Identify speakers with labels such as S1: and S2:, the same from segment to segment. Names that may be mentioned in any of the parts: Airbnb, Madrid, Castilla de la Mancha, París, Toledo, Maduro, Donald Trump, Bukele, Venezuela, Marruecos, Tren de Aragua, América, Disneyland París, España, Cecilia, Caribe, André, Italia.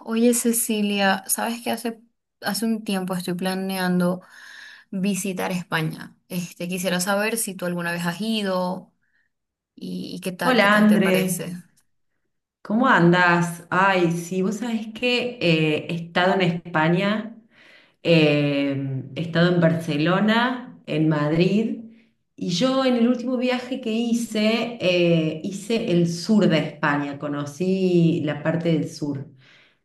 S1: Oye, Cecilia, sabes que hace un tiempo estoy planeando visitar España. Quisiera saber si tú alguna vez has ido y qué tal, qué
S2: Hola
S1: tal te
S2: André,
S1: parece.
S2: ¿cómo andas? Ay, sí, vos sabés que he estado en España, he estado en Barcelona, en Madrid, y yo en el último viaje que hice, hice el sur de España, conocí la parte del sur,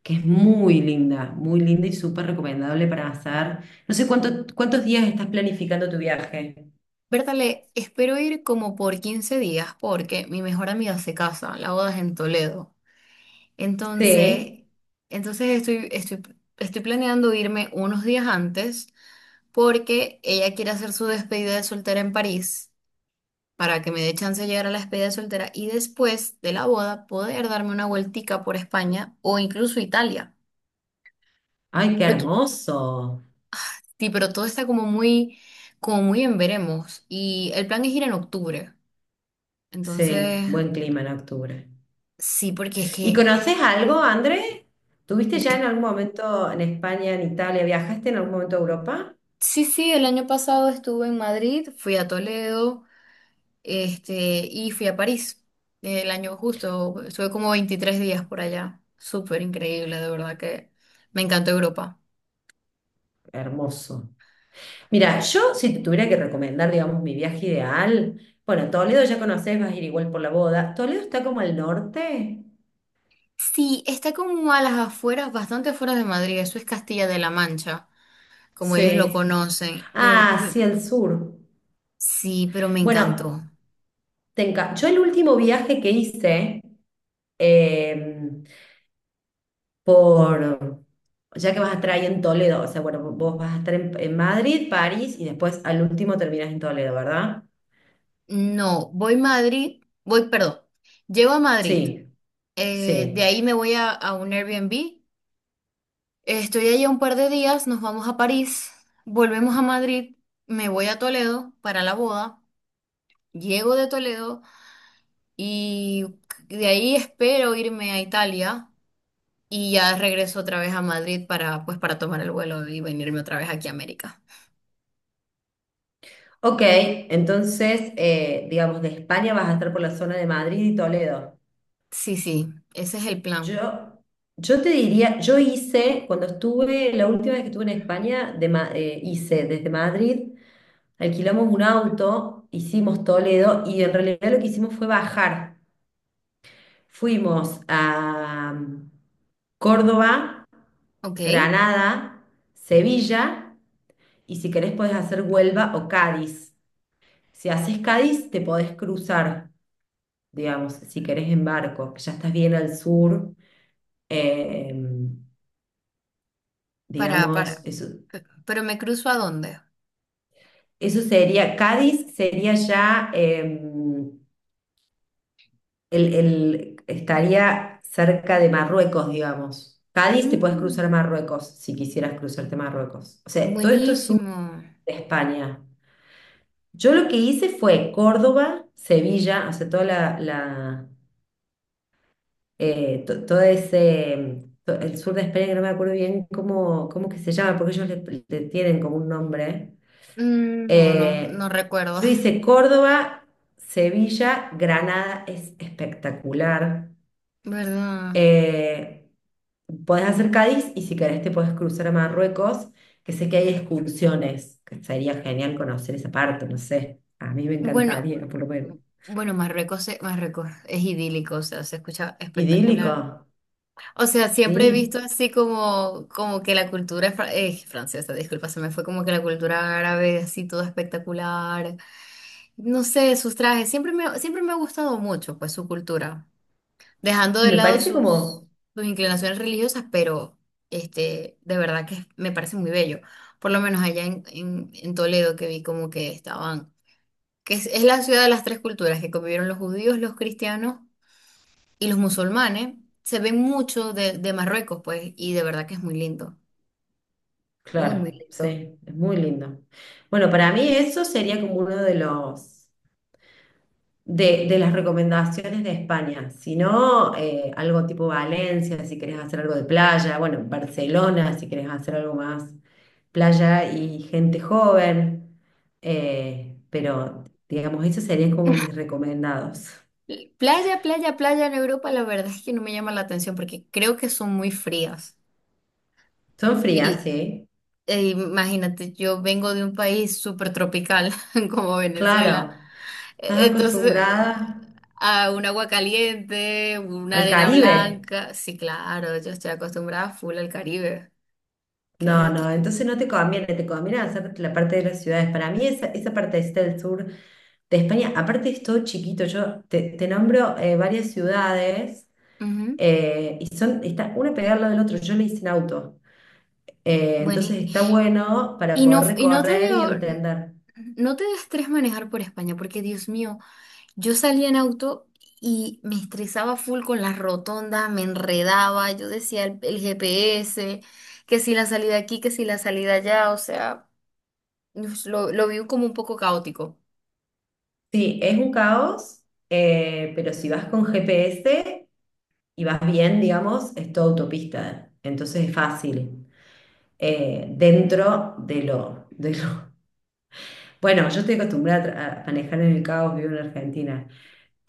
S2: que es muy linda y súper recomendable para hacer. No sé cuántos días estás planificando tu viaje.
S1: Bertale, espero ir como por 15 días porque mi mejor amiga se casa, la boda es en Toledo. Entonces,
S2: Sí,
S1: entonces estoy planeando irme unos días antes porque ella quiere hacer su despedida de soltera en París, para que me dé chance de llegar a la despedida de soltera y después de la boda poder darme una vueltica por España o incluso Italia.
S2: ay, qué
S1: Pero, to-
S2: hermoso.
S1: sí, pero todo está como muy en veremos y el plan es ir en octubre.
S2: Sí,
S1: Entonces
S2: buen clima en octubre.
S1: sí, porque es
S2: ¿Y
S1: que,
S2: conoces algo, André? ¿Tuviste ya en
S1: de-
S2: algún momento en España, en Italia? ¿Viajaste en algún momento a Europa?
S1: sí, sí, el año pasado estuve en Madrid, fui a Toledo, y fui a París. El año justo, estuve como 23 días por allá. Súper increíble, de verdad que me encantó Europa.
S2: Hermoso. Mira, yo si te tuviera que recomendar, digamos, mi viaje ideal, bueno, Toledo ya conoces, vas a ir igual por la boda. ¿Toledo está como al norte?
S1: Sí, está como a las afueras, bastante afuera de Madrid, eso es Castilla de la Mancha, como ellos lo
S2: Sí.
S1: conocen,
S2: Ah, sí, al sur.
S1: sí, pero me encantó.
S2: Bueno, te enca- Yo el último viaje que hice em, por, ya que vas a estar ahí en Toledo, o sea, bueno, vos vas a estar en Madrid, París y después al último terminas en Toledo, ¿verdad?
S1: No, voy a Madrid, voy, perdón, llego a Madrid,
S2: Sí,
S1: de
S2: sí.
S1: ahí me voy a un Airbnb, estoy allá un par de días, nos vamos a París, volvemos a Madrid, me voy a Toledo para la boda, llego de Toledo y de ahí espero irme a Italia y ya regreso otra vez a Madrid para, pues, para tomar el vuelo y venirme otra vez aquí a América.
S2: Ok, entonces, digamos, de España vas a estar por la zona de Madrid y Toledo.
S1: Sí, sí, ese es el plan.
S2: Yo, yo te diría, yo hice, cuando estuve, la última vez que estuve en España, de, hice desde Madrid, alquilamos un auto, hicimos Toledo y en realidad lo que hicimos fue bajar. Fuimos a Córdoba,
S1: Ok,
S2: Granada, Sevilla y si querés podés hacer Huelva o Cádiz. Si haces Cádiz, te podés cruzar, digamos, si querés en barco, que ya estás bien al sur. eh,
S1: para,
S2: digamos,
S1: para.
S2: eso,
S1: ¿Pero me cruzo a dónde?
S2: eso sería, Cádiz sería ya... estaría cerca de Marruecos, digamos. Cádiz te puedes cruzar
S1: Mm,
S2: a Marruecos si quisieras cruzarte a Marruecos. O sea, todo esto es sur
S1: buenísimo.
S2: de España. Yo lo que hice fue Córdoba, Sevilla, o sea, toda la, la, to- todo ese, el sur de España, que no me acuerdo bien cómo, cómo que se llama, porque ellos le tienen como un nombre.
S1: Mm, no, no, no
S2: Eh,
S1: recuerdo.
S2: yo hice Córdoba, Sevilla, Granada, es espectacular.
S1: ¿Verdad?
S2: Eh, podés hacer Cádiz y si querés te podés cruzar a Marruecos, que sé que hay excursiones, que sería genial conocer esa parte, no sé. A mí me
S1: Bueno,
S2: encantaría, por lo menos.
S1: bueno, Marruecos es idílico, o sea, se escucha
S2: Idílico,
S1: espectacular. O sea, siempre he visto
S2: sí.
S1: así como, como que la cultura es francesa, disculpa, se me fue, como que la cultura árabe, así todo espectacular. No sé, sus trajes. Siempre me ha gustado mucho, pues, su cultura. Dejando
S2: Y
S1: de
S2: me
S1: lado
S2: parece
S1: sus,
S2: como...
S1: sus inclinaciones religiosas, pero de verdad que me parece muy bello. Por lo menos allá en Toledo que vi como que estaban, es la ciudad de las tres culturas, que convivieron los judíos, los cristianos y los musulmanes. Se ve mucho de Marruecos, pues, y de verdad que es muy lindo. Muy
S2: Claro,
S1: lindo.
S2: sí, es muy lindo. Bueno, para mí eso sería como uno de los de las recomendaciones de España. Si no, algo tipo Valencia, si querés hacer algo de playa, bueno, Barcelona, si querés hacer algo más playa y gente joven. Pero digamos, esos serían como mis recomendados.
S1: Playa en Europa, la verdad es que no me llama la atención porque creo que son muy frías.
S2: Son frías,
S1: Y
S2: sí,
S1: e imagínate, yo vengo de un país súper tropical como Venezuela.
S2: claro. ¿Estás
S1: Entonces,
S2: acostumbrada
S1: a un agua caliente, una
S2: al
S1: arena
S2: Caribe?
S1: blanca. Sí, claro, yo estoy acostumbrada full al Caribe.
S2: No,
S1: Que, que-
S2: no, entonces no te conviene, te conviene hacer la parte de las ciudades. Para mí esa, esa parte partecita del sur de España, aparte es todo chiquito, te nombro varias ciudades
S1: Ujú.
S2: y son, está una pegada al lado del otro, yo le hice en auto.
S1: Bueno,
S2: Entonces
S1: y,
S2: está bueno para
S1: y
S2: poder
S1: no, y no te
S2: recorrer y
S1: dio,
S2: entender.
S1: no te da estrés manejar por España, porque Dios mío. Yo salía en auto y me estresaba full con las rotondas, me enredaba, yo decía el GPS, que si la salida aquí, que si la salida allá, o sea, lo vi como un poco caótico.
S2: Sí, es un caos, pero si vas con GPS y vas bien, digamos, es todo autopista, entonces es fácil. Dentro de lo... Bueno, yo estoy acostumbrada a a manejar en el caos, vivo en Argentina,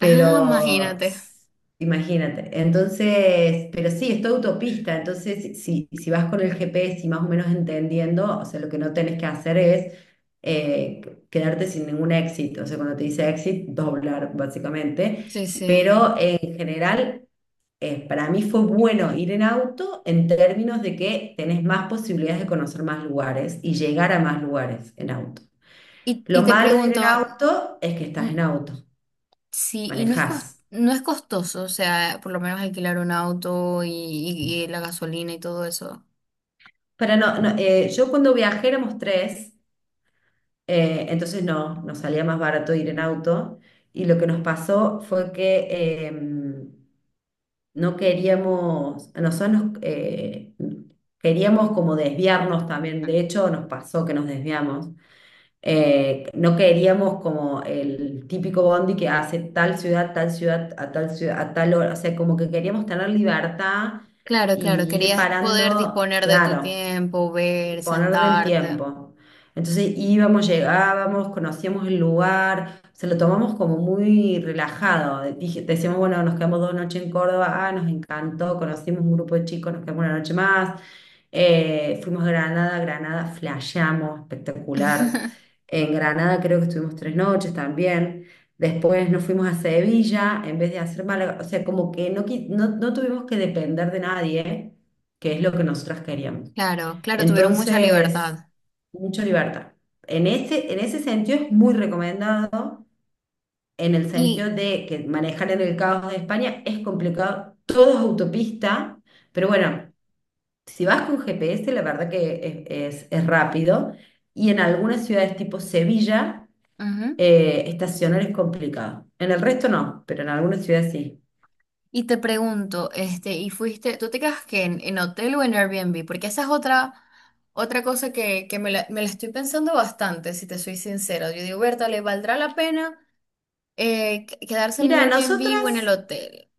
S1: Ah, imagínate.
S2: imagínate, entonces, pero sí, es toda autopista, entonces si vas con el GPS y más o menos entendiendo, o sea, lo que no tenés que hacer es eh, quedarte sin ningún exit. O sea, cuando te dice exit, doblar
S1: Sí,
S2: básicamente.
S1: sí.
S2: Pero en general, para mí fue bueno ir en auto en términos de que tenés más posibilidades de conocer más lugares y llegar a más lugares en auto.
S1: Y
S2: Lo
S1: te
S2: malo de ir
S1: pregunto,
S2: en auto es que estás
S1: mm,
S2: en auto,
S1: sí, y no es
S2: manejás.
S1: no es costoso, o sea, por lo menos alquilar un auto y la gasolina y todo eso.
S2: Pero no, no, yo cuando viajé éramos tres. Entonces no, nos salía más barato ir en auto. Y lo que nos pasó fue que no queríamos, queríamos como desviarnos también, de hecho nos pasó que nos desviamos. No queríamos como el típico bondi que hace tal ciudad, a tal ciudad, a tal hora, o sea, como que queríamos tener libertad
S1: Claro, claro,
S2: y ir
S1: querías poder
S2: parando,
S1: disponer de tu
S2: claro,
S1: tiempo, ver,
S2: disponer del
S1: sentarte.
S2: tiempo. Entonces íbamos, llegábamos, conocíamos el lugar, se lo tomamos como muy relajado. Decíamos, bueno, nos quedamos dos noches en Córdoba, ah, nos encantó, conocimos un grupo de chicos, nos quedamos una noche más. Fuimos a Granada, Granada, flasheamos, espectacular. En Granada creo que estuvimos tres noches también. Después nos fuimos a Sevilla en vez de hacer Málaga. O sea, como que no, no, no tuvimos que depender de nadie, que es lo que nosotras queríamos.
S1: Claro, claro, tuvieron mucha
S2: Entonces,
S1: libertad.
S2: mucha libertad. En ese sentido es muy recomendado, en el sentido
S1: Y
S2: de que manejar en el caos de España es complicado, todo es autopista, pero bueno, si vas con GPS, la verdad que es rápido, y en algunas ciudades tipo Sevilla,
S1: ujú,
S2: estacionar es complicado. En el resto no, pero en algunas ciudades sí.
S1: y te pregunto, ¿y fuiste, tú te quedas que en hotel o en Airbnb? Porque esa es otra cosa que me la estoy pensando bastante, si te soy sincera. Yo digo, Berta, ¿le valdrá la pena, quedarse en el
S2: Mira,
S1: Airbnb o en el
S2: nosotras
S1: hotel?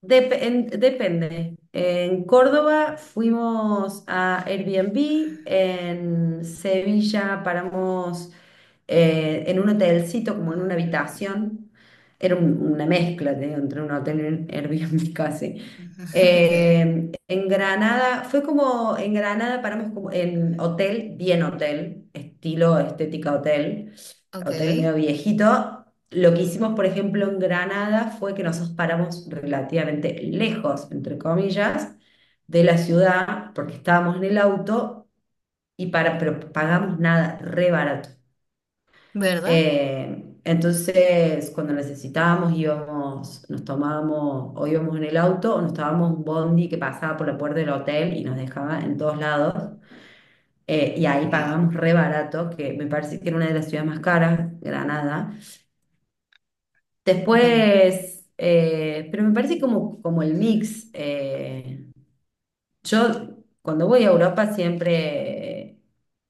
S2: Depende. En Córdoba fuimos a Airbnb, en Sevilla paramos en un hotelcito, como en una habitación. Era una mezcla, te digo, entre un hotel y un Airbnb casi.
S1: Okay,
S2: En Granada, fue como en Granada paramos como en hotel, bien hotel, estilo estética hotel, hotel medio
S1: okay,
S2: viejito. Lo que hicimos, por ejemplo, en Granada fue que nosotros paramos relativamente lejos, entre comillas, de la ciudad, porque estábamos en el auto y para, pero pagamos nada, re barato.
S1: ¿verdad?
S2: Entonces, cuando necesitábamos, íbamos, nos tomábamos, o íbamos en el auto, o nos tomábamos un bondi que pasaba por la puerta del hotel y nos dejaba en todos lados. Y ahí
S1: Sí.
S2: pagábamos re barato, que me parece que era una de las ciudades más caras, Granada.
S1: Bueno,
S2: Después, pero me parece como, como el mix. Yo cuando voy a Europa siempre,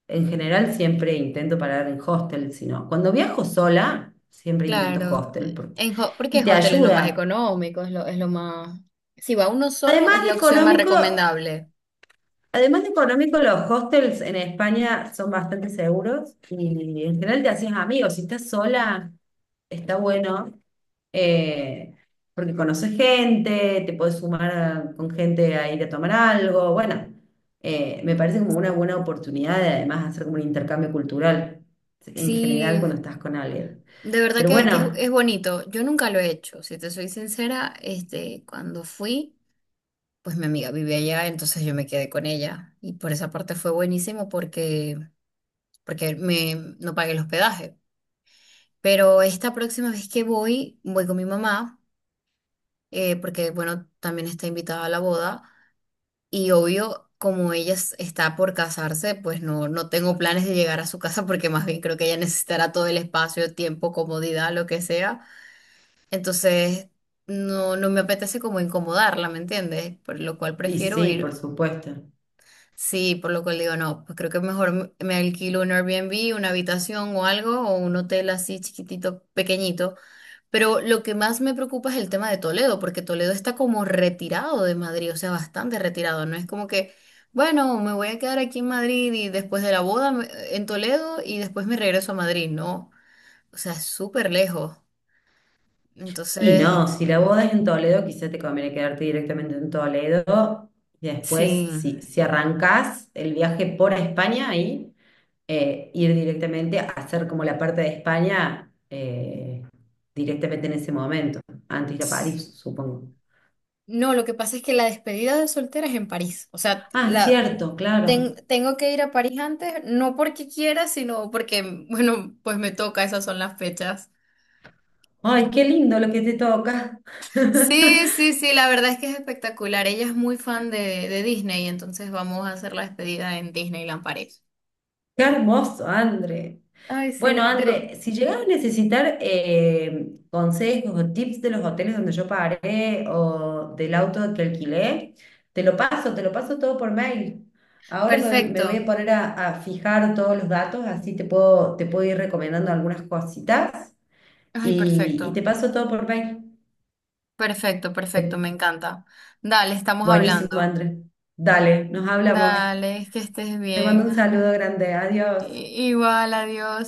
S2: en general siempre intento parar en hostel, sino cuando viajo sola, siempre intento
S1: claro.
S2: hostel.
S1: Porque
S2: Y
S1: en
S2: te
S1: hostel es lo más
S2: ayuda.
S1: económico, es lo más... Si va uno solo, es
S2: Además de
S1: la opción más
S2: económico,
S1: recomendable.
S2: además de económico, los hostels en España son bastante seguros y en general te haces amigos. Si estás sola, está bueno eh, porque conoces gente, te puedes sumar con gente a ir a tomar algo. Bueno, me parece como una buena oportunidad de además hacer como un intercambio cultural en general
S1: Sí,
S2: cuando estás con alguien.
S1: de verdad
S2: Pero
S1: que,
S2: bueno,
S1: es bonito. Yo nunca lo he hecho, si te soy sincera, cuando fui, pues mi amiga vivía allá, entonces yo me quedé con ella. Y por esa parte fue buenísimo porque, porque me, no pagué el hospedaje. Pero esta próxima vez que voy, voy con mi mamá, porque bueno, también está invitada a la boda. Y obvio, como ella está por casarse, pues no, no tengo planes de llegar a su casa porque más bien creo que ella necesitará todo el espacio, tiempo, comodidad, lo que sea. Entonces, no, no me apetece como incomodarla, ¿me entiendes? Por lo cual
S2: y
S1: prefiero
S2: sí, por
S1: ir.
S2: supuesto.
S1: Sí, por lo cual digo, no, pues creo que mejor me alquilo un Airbnb, una habitación o algo, o un hotel así chiquitito, pequeñito. Pero lo que más me preocupa es el tema de Toledo, porque Toledo está como retirado de Madrid, o sea, bastante retirado. No es como que, bueno, me voy a quedar aquí en Madrid y después de la boda me- en Toledo y después me regreso a Madrid, no. O sea, es súper lejos.
S2: Y no,
S1: Entonces,
S2: si la boda es en Toledo, quizá te conviene quedarte directamente en Toledo. Y después,
S1: sí.
S2: si arrancás el viaje por España, ahí, ir directamente a hacer como la parte de España, directamente en ese momento, antes de ir a París, supongo.
S1: No, lo que pasa es que la despedida de soltera es en París. O sea,
S2: Ah,
S1: la,
S2: cierto, claro.
S1: tengo que ir a París antes, no porque quiera, sino porque, bueno, pues me toca, esas son las fechas.
S2: Ay, qué lindo lo que te toca.
S1: Sí, sí, sí, la verdad es que es espectacular. Ella es muy fan de Disney, entonces vamos a hacer la despedida en Disneyland París.
S2: Qué hermoso, André.
S1: Ay,
S2: Bueno,
S1: sí,
S2: André, si llegas a necesitar consejos o tips de los hoteles donde yo paré o del auto que alquilé, te lo paso todo por mail. Me voy a
S1: perfecto.
S2: poner a fijar todos los datos, así te puedo ir recomendando algunas cositas
S1: Ay, perfecto.
S2: y te paso todo por mail.
S1: Perfecto, perfecto, me
S2: Eh,
S1: encanta. Dale, estamos
S2: buenísimo,
S1: hablando.
S2: André. Dale, nos hablamos.
S1: Dale, que estés
S2: Te mando
S1: bien.
S2: un
S1: Hasta.
S2: saludo grande. Adiós.
S1: Igual, adiós.